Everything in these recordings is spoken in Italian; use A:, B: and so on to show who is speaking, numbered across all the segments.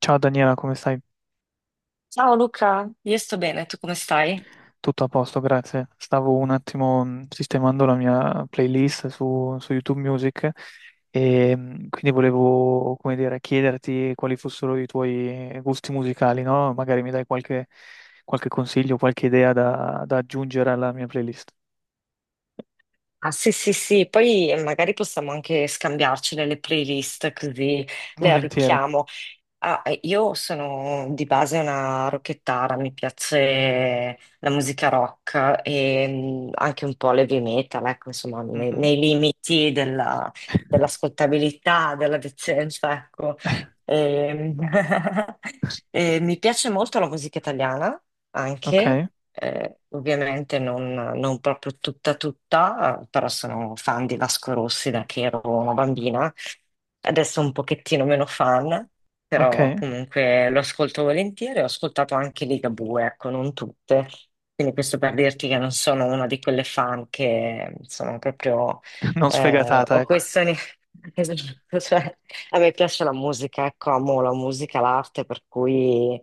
A: Ciao Daniela, come stai?
B: Ciao Luca, io sto bene, tu come stai?
A: Tutto a posto, grazie. Stavo un attimo sistemando la mia playlist su YouTube Music e quindi volevo, come dire, chiederti quali fossero i tuoi gusti musicali, no? Magari mi dai qualche consiglio, qualche idea da aggiungere alla mia playlist.
B: Ah, sì, sì, sì, poi magari possiamo anche scambiarcele le playlist così le
A: Volentieri.
B: arricchiamo. Io sono di base una rockettara, mi piace la musica rock e anche un po' l'heavy metal, ecco, insomma,
A: Mhm.
B: nei limiti dell'ascoltabilità, della decenza, ecco. E, mm, e mi piace molto la musica italiana,
A: Ok,
B: anche, ovviamente non proprio tutta tutta, però sono fan di Vasco Rossi da che ero una bambina, adesso un pochettino meno fan, però
A: ok.
B: comunque lo ascolto volentieri, ho ascoltato anche Ligabue, ecco, non tutte. Quindi questo per dirti che non sono una di quelle fan che sono proprio
A: Non sfegatata,
B: o
A: ecco.
B: questioni. Esatto, cioè, a me piace la musica, ecco, amo la musica, l'arte, per cui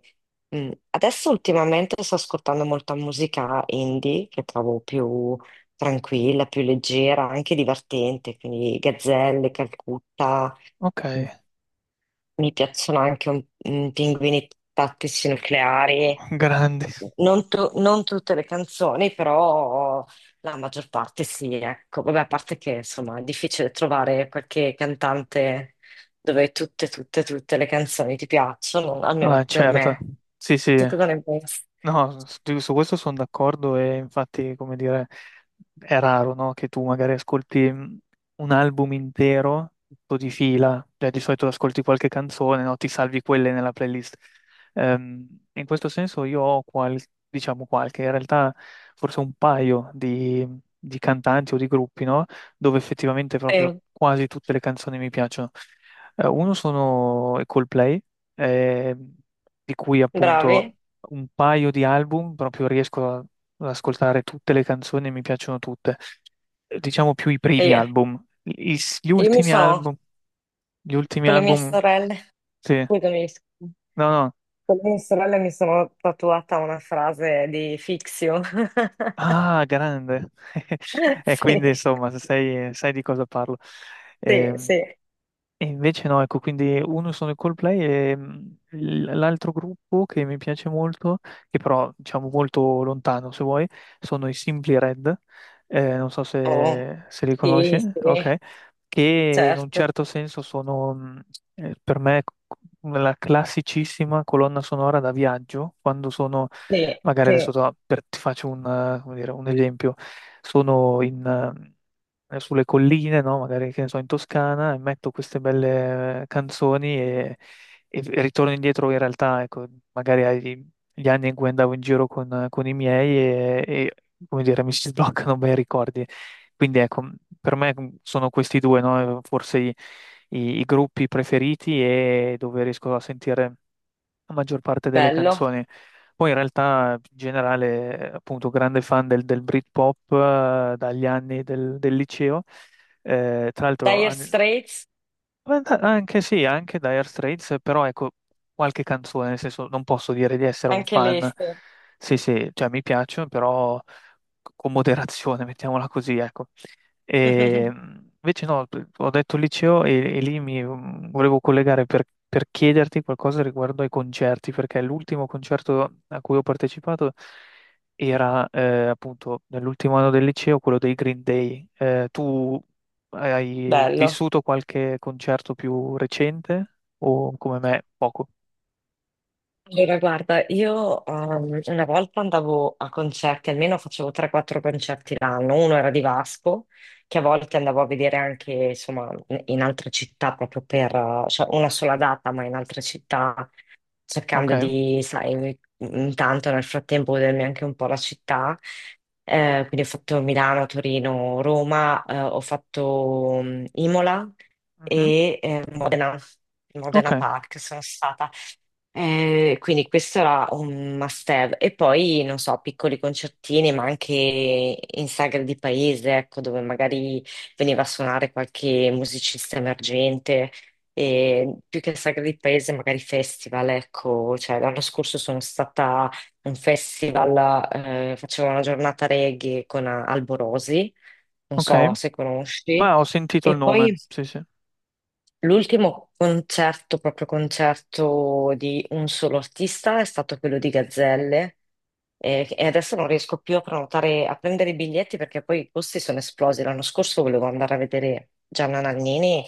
B: adesso ultimamente sto ascoltando molta musica indie che trovo più tranquilla, più leggera, anche divertente, quindi Gazzelle, Calcutta.
A: Ok,
B: Mm. Mi piacciono anche pinguini tattici nucleari.
A: grandi.
B: Non tutte le canzoni, però la maggior parte sì, ecco. Vabbè, a parte che insomma è difficile trovare qualche cantante dove tutte le canzoni ti piacciono, almeno
A: Ah,
B: per
A: certo.
B: me.
A: Sì, sì.
B: Tu cosa ne pensi?
A: No, su questo sono d'accordo e infatti, come dire, è raro, no, che tu magari ascolti un album intero, tutto di fila, cioè di solito ascolti qualche canzone, no, ti salvi quelle nella playlist. Ehm, In questo senso io ho diciamo qualche, in realtà forse un paio di cantanti o di gruppi, no, dove effettivamente proprio
B: Sì,
A: quasi tutte le canzoni mi piacciono. Uno sono i Coldplay, eh, di cui appunto
B: bravi.
A: un paio di album, proprio riesco ad ascoltare tutte le canzoni e mi piacciono tutte. Diciamo più i
B: E
A: primi
B: io,
A: album. Gli
B: io mi
A: ultimi
B: sono,
A: album, gli ultimi
B: con le mie
A: album,
B: sorelle,
A: sì.
B: scusami,
A: No, no.
B: con le mie sorelle mi sono tatuata una frase di Fixio.
A: Ah, grande. E
B: Sì,
A: quindi, insomma, sai di cosa parlo.
B: sì,
A: Ehm,
B: sì.
A: E invece no, ecco, quindi uno sono i Coldplay e l'altro gruppo che mi piace molto, che però diciamo molto lontano se vuoi, sono i Simply Red, non so
B: Oh,
A: se li
B: sì,
A: conosci,
B: sì,
A: ok? Che in un
B: certo.
A: certo senso sono per me la classicissima colonna sonora da viaggio, quando sono,
B: Sì,
A: magari adesso
B: sì,
A: ti faccio un, come dire, un esempio, sono in, sulle colline, no? Magari che ne so, in Toscana, e metto queste belle canzoni e ritorno indietro in realtà, ecco, magari agli gli anni in cui andavo in giro con i miei e, come dire, mi si sbloccano bei ricordi. Quindi ecco, per me sono questi due, no? Forse i gruppi preferiti e dove riesco a sentire la maggior parte delle
B: bello.
A: canzoni. Poi in realtà, in generale, appunto, grande fan del Britpop, dagli anni del liceo. Tra l'altro,
B: Dire Straits,
A: anche sì, anche Dire Straits, però ecco, qualche canzone, nel senso, non posso dire di essere un
B: anche lei,
A: fan.
B: sì.
A: Sì, sì, cioè mi piacciono, però con moderazione, mettiamola così, ecco. E invece no, ho detto liceo e lì mi volevo collegare per chiederti qualcosa riguardo ai concerti, perché l'ultimo concerto a cui ho partecipato era appunto nell'ultimo anno del liceo, quello dei Green Day. Tu hai
B: Bello.
A: vissuto qualche concerto più recente o come me poco?
B: Allora, guarda, io una volta andavo a concerti, almeno facevo 3-4 concerti l'anno. Uno era di Vasco, che a volte andavo a vedere anche, insomma, in altre città proprio per, cioè una sola data, ma in altre città cercando
A: Ok,
B: di, sai, intanto nel frattempo godermi anche un po' la città. Quindi ho fatto Milano, Torino, Roma, ho fatto Imola
A: mhm.
B: e Modena,
A: Ok,
B: Modena Park sono stata. Quindi questo era un must-have. E poi, non so, piccoli concertini, ma anche in sagre di paese, ecco, dove magari veniva a suonare qualche musicista emergente. E più che sagre di paese, magari festival, ecco. Cioè, l'anno scorso sono stata a un festival, facevo una giornata reggae con Alborosi, non
A: ok.
B: so se conosci.
A: Ma ho sentito il
B: E
A: nome,
B: poi
A: sì, sì,
B: l'ultimo concerto, proprio concerto di un solo artista, è stato quello di Gazzelle, e adesso non riesco più a prenotare, a prendere i biglietti perché poi i costi sono esplosi. L'anno scorso volevo andare a vedere Gianna Nannini,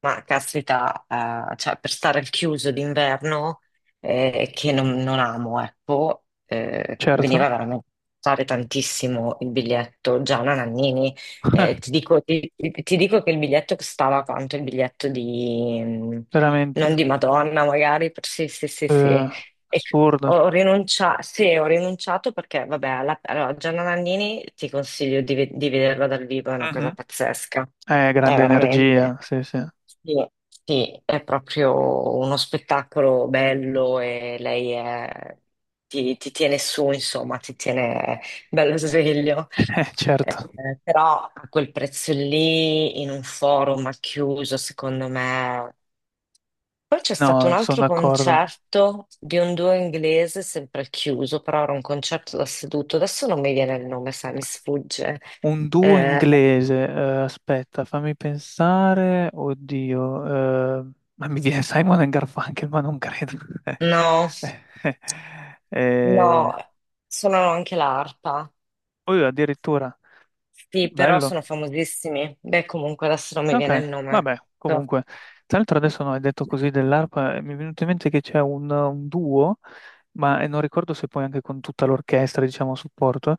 B: ma caspita, cioè, per stare al chiuso d'inverno, che non amo, ecco,
A: certo.
B: veniva veramente a costare tantissimo il biglietto Gianna Nannini.
A: Eh,
B: Ti dico, ti dico che il biglietto costava quanto? Il biglietto di,
A: veramente.
B: non di Madonna, magari, per- sì, sì, sì, sì.
A: Eh,
B: E c-
A: assurdo.
B: Ho rinunciato, sì, ho rinunciato perché, vabbè, allora, Gianna Nannini ti consiglio di, di vederla dal vivo, è una cosa
A: Mhm.
B: pazzesca, è
A: Grande energia,
B: veramente.
A: sì, sì.
B: Sì, sì, è proprio uno spettacolo bello e ti, tiene su, insomma, ti tiene bello sveglio.
A: Certo.
B: Però a quel prezzo lì, in un forum al chiuso, secondo me. Poi c'è stato un
A: No, sono
B: altro
A: d'accordo.
B: concerto di un duo inglese, sempre al chiuso, però era un concerto da seduto. Adesso non mi viene il nome, sai, mi sfugge.
A: Un duo
B: Eh,
A: inglese, aspetta, fammi pensare. Oddio, ma mi viene Simon and Garfunkel, ma non credo. Eh,
B: no.
A: eh, eh, eh,
B: No, suonano anche l'arpa.
A: oh, addirittura,
B: Sì, però
A: bello.
B: sono famosissimi. Beh, comunque adesso non mi viene il
A: Ok,
B: nome.
A: vabbè, comunque, tra l'altro adesso no, hai detto così dell'arpa, mi è venuto in mente che c'è un duo, ma non ricordo se poi anche con tutta l'orchestra, diciamo, a supporto,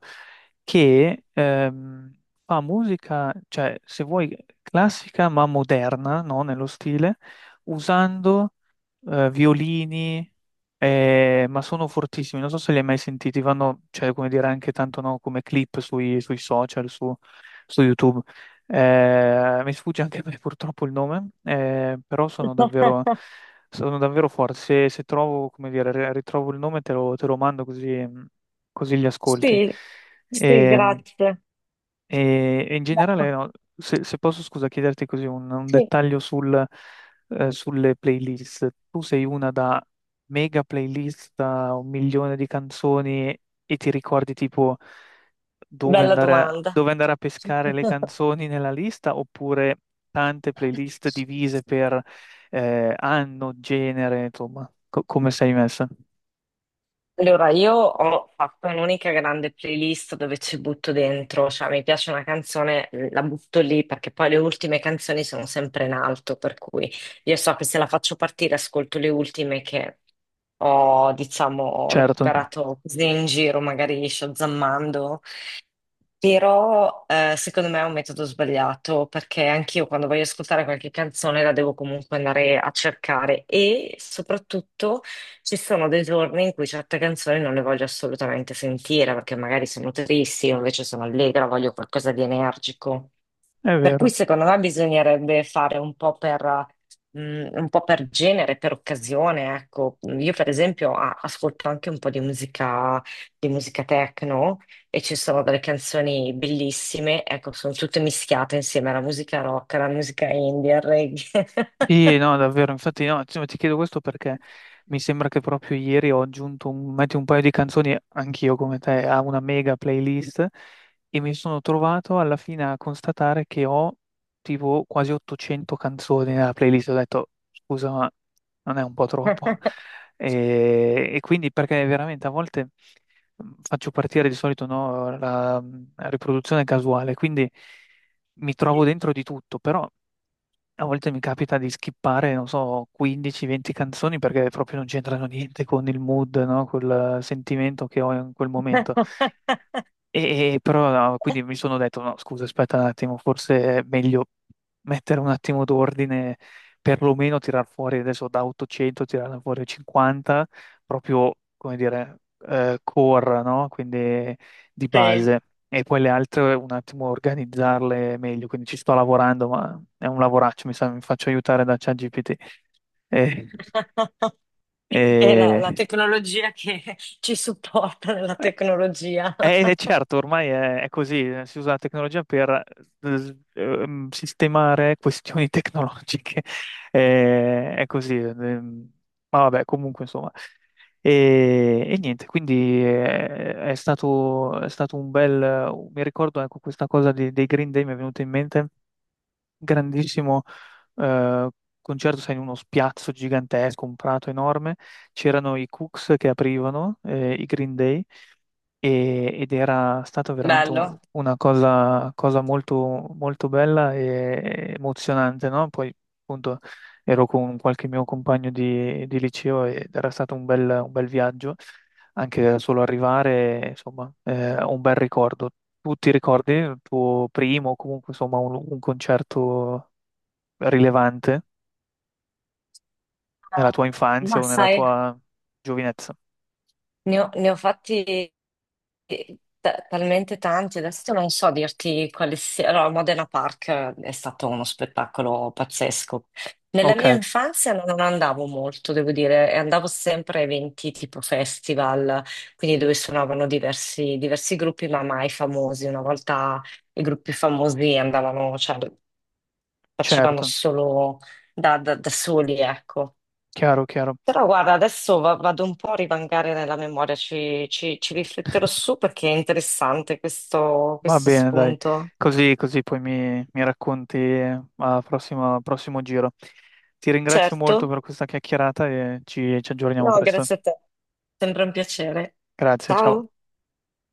A: che fa musica, cioè, se vuoi, classica ma moderna, no, nello stile, usando violini, ma sono fortissimi, non so se li hai mai sentiti, vanno, cioè, come dire, anche tanto, no, come clip sui social, su YouTube. Mi sfugge anche a me purtroppo il nome, però sono davvero, sono davvero forti. Se trovo, come dire, ritrovo il nome, te lo mando, così così li ascolti.
B: Sì, sì,
A: E,
B: grazie.
A: e in generale,
B: Bello.
A: no, se posso, scusa, chiederti così un
B: Sì,
A: dettaglio sul, sulle playlist. Tu sei una da mega playlist da 1 milione di canzoni e ti ricordi tipo dove
B: bella
A: andare a,
B: domanda.
A: dove andare a pescare le canzoni nella lista oppure tante playlist divise per anno, genere, insomma, come sei messa?
B: Allora, io ho fatto un'unica grande playlist dove ci butto dentro, cioè mi piace una canzone, mhmm, la butto lì perché poi le ultime canzoni sono sempre in alto, per cui io so che se la faccio partire ascolto le ultime che ho, diciamo,
A: Certo,
B: recuperato così in giro, magari shazammando. Però secondo me è un metodo sbagliato perché anch'io quando voglio ascoltare qualche canzone la devo comunque andare a cercare e soprattutto ci sono dei giorni in cui certe canzoni non le voglio assolutamente sentire perché magari sono tristi, io invece sono allegra, voglio qualcosa di energico.
A: è
B: Per cui
A: vero.
B: secondo me bisognerebbe fare mh, un po' per genere, per occasione, ecco. Io per esempio ascolto anche un po' di musica techno e ci sono delle canzoni bellissime, ecco, sono tutte mischiate insieme alla musica rock, alla musica indie, al reggae.
A: Sì, no, davvero, infatti no, insomma, ti chiedo questo perché mi sembra che proprio ieri ho aggiunto metti un paio di canzoni, anch'io come te, a una mega playlist e mi sono trovato alla fine a constatare che ho tipo quasi 800 canzoni nella playlist. Ho detto, scusa, ma non è un po' troppo? E quindi perché veramente a volte faccio partire di solito no, la riproduzione casuale, quindi mi trovo dentro di tutto, però a volte mi capita di skippare, non so, 15-20 canzoni perché proprio non c'entrano niente con il mood, no? Col sentimento che ho in quel momento. E però no, quindi mi sono detto, no, scusa, aspetta un attimo, forse è meglio mettere un attimo d'ordine, perlomeno tirar fuori adesso da 800, tirarne fuori 50, proprio, come dire, core, no? Quindi di
B: Sì.
A: base. E poi le altre un attimo organizzarle meglio, quindi ci sto lavorando, ma è un lavoraccio, mi sa, mi faccio aiutare da ChatGPT. Eh,
B: È la
A: eh,
B: tecnologia che ci supporta nella tecnologia.
A: Certo, ormai è così, si usa la tecnologia per sistemare questioni tecnologiche. È così, ma vabbè, comunque insomma. E niente, quindi è stato mi ricordo ecco, questa cosa dei Green Day mi è venuta in mente, grandissimo eh, concerto, sai, in uno spiazzo gigantesco, un prato enorme, c'erano i Cooks che aprivano, i Green Day ed era stata veramente
B: Bello.
A: una cosa molto, molto bella e emozionante, no? Poi appunto ero con qualche mio compagno di liceo ed era stato un bel viaggio, anche solo arrivare, insomma, un bel ricordo. Tu ti ricordi il tuo primo o comunque insomma un concerto rilevante nella tua infanzia
B: Ma
A: o nella
B: sai,
A: tua giovinezza?
B: ne ho fatti talmente tanti, adesso non so dirti quali sia. Allora, Modena Park è stato uno spettacolo pazzesco. Nella mia
A: Ok,
B: infanzia non andavo molto, devo dire, e andavo sempre a eventi tipo festival, quindi dove suonavano diversi gruppi, ma mai famosi. Una volta i gruppi famosi andavano, cioè, facevamo
A: certo,
B: solo da, da soli, ecco.
A: chiaro, chiaro.
B: Però guarda, adesso vado un po' a rivangare nella memoria, ci, ci rifletterò su perché è interessante questo,
A: Va
B: questo
A: bene, dai,
B: spunto.
A: così, così poi mi racconti al prossimo giro. Ti ringrazio molto
B: Certo?
A: per questa chiacchierata e ci aggiorniamo
B: No,
A: presto.
B: grazie a te, sempre un piacere.
A: Grazie, ciao.
B: Ciao.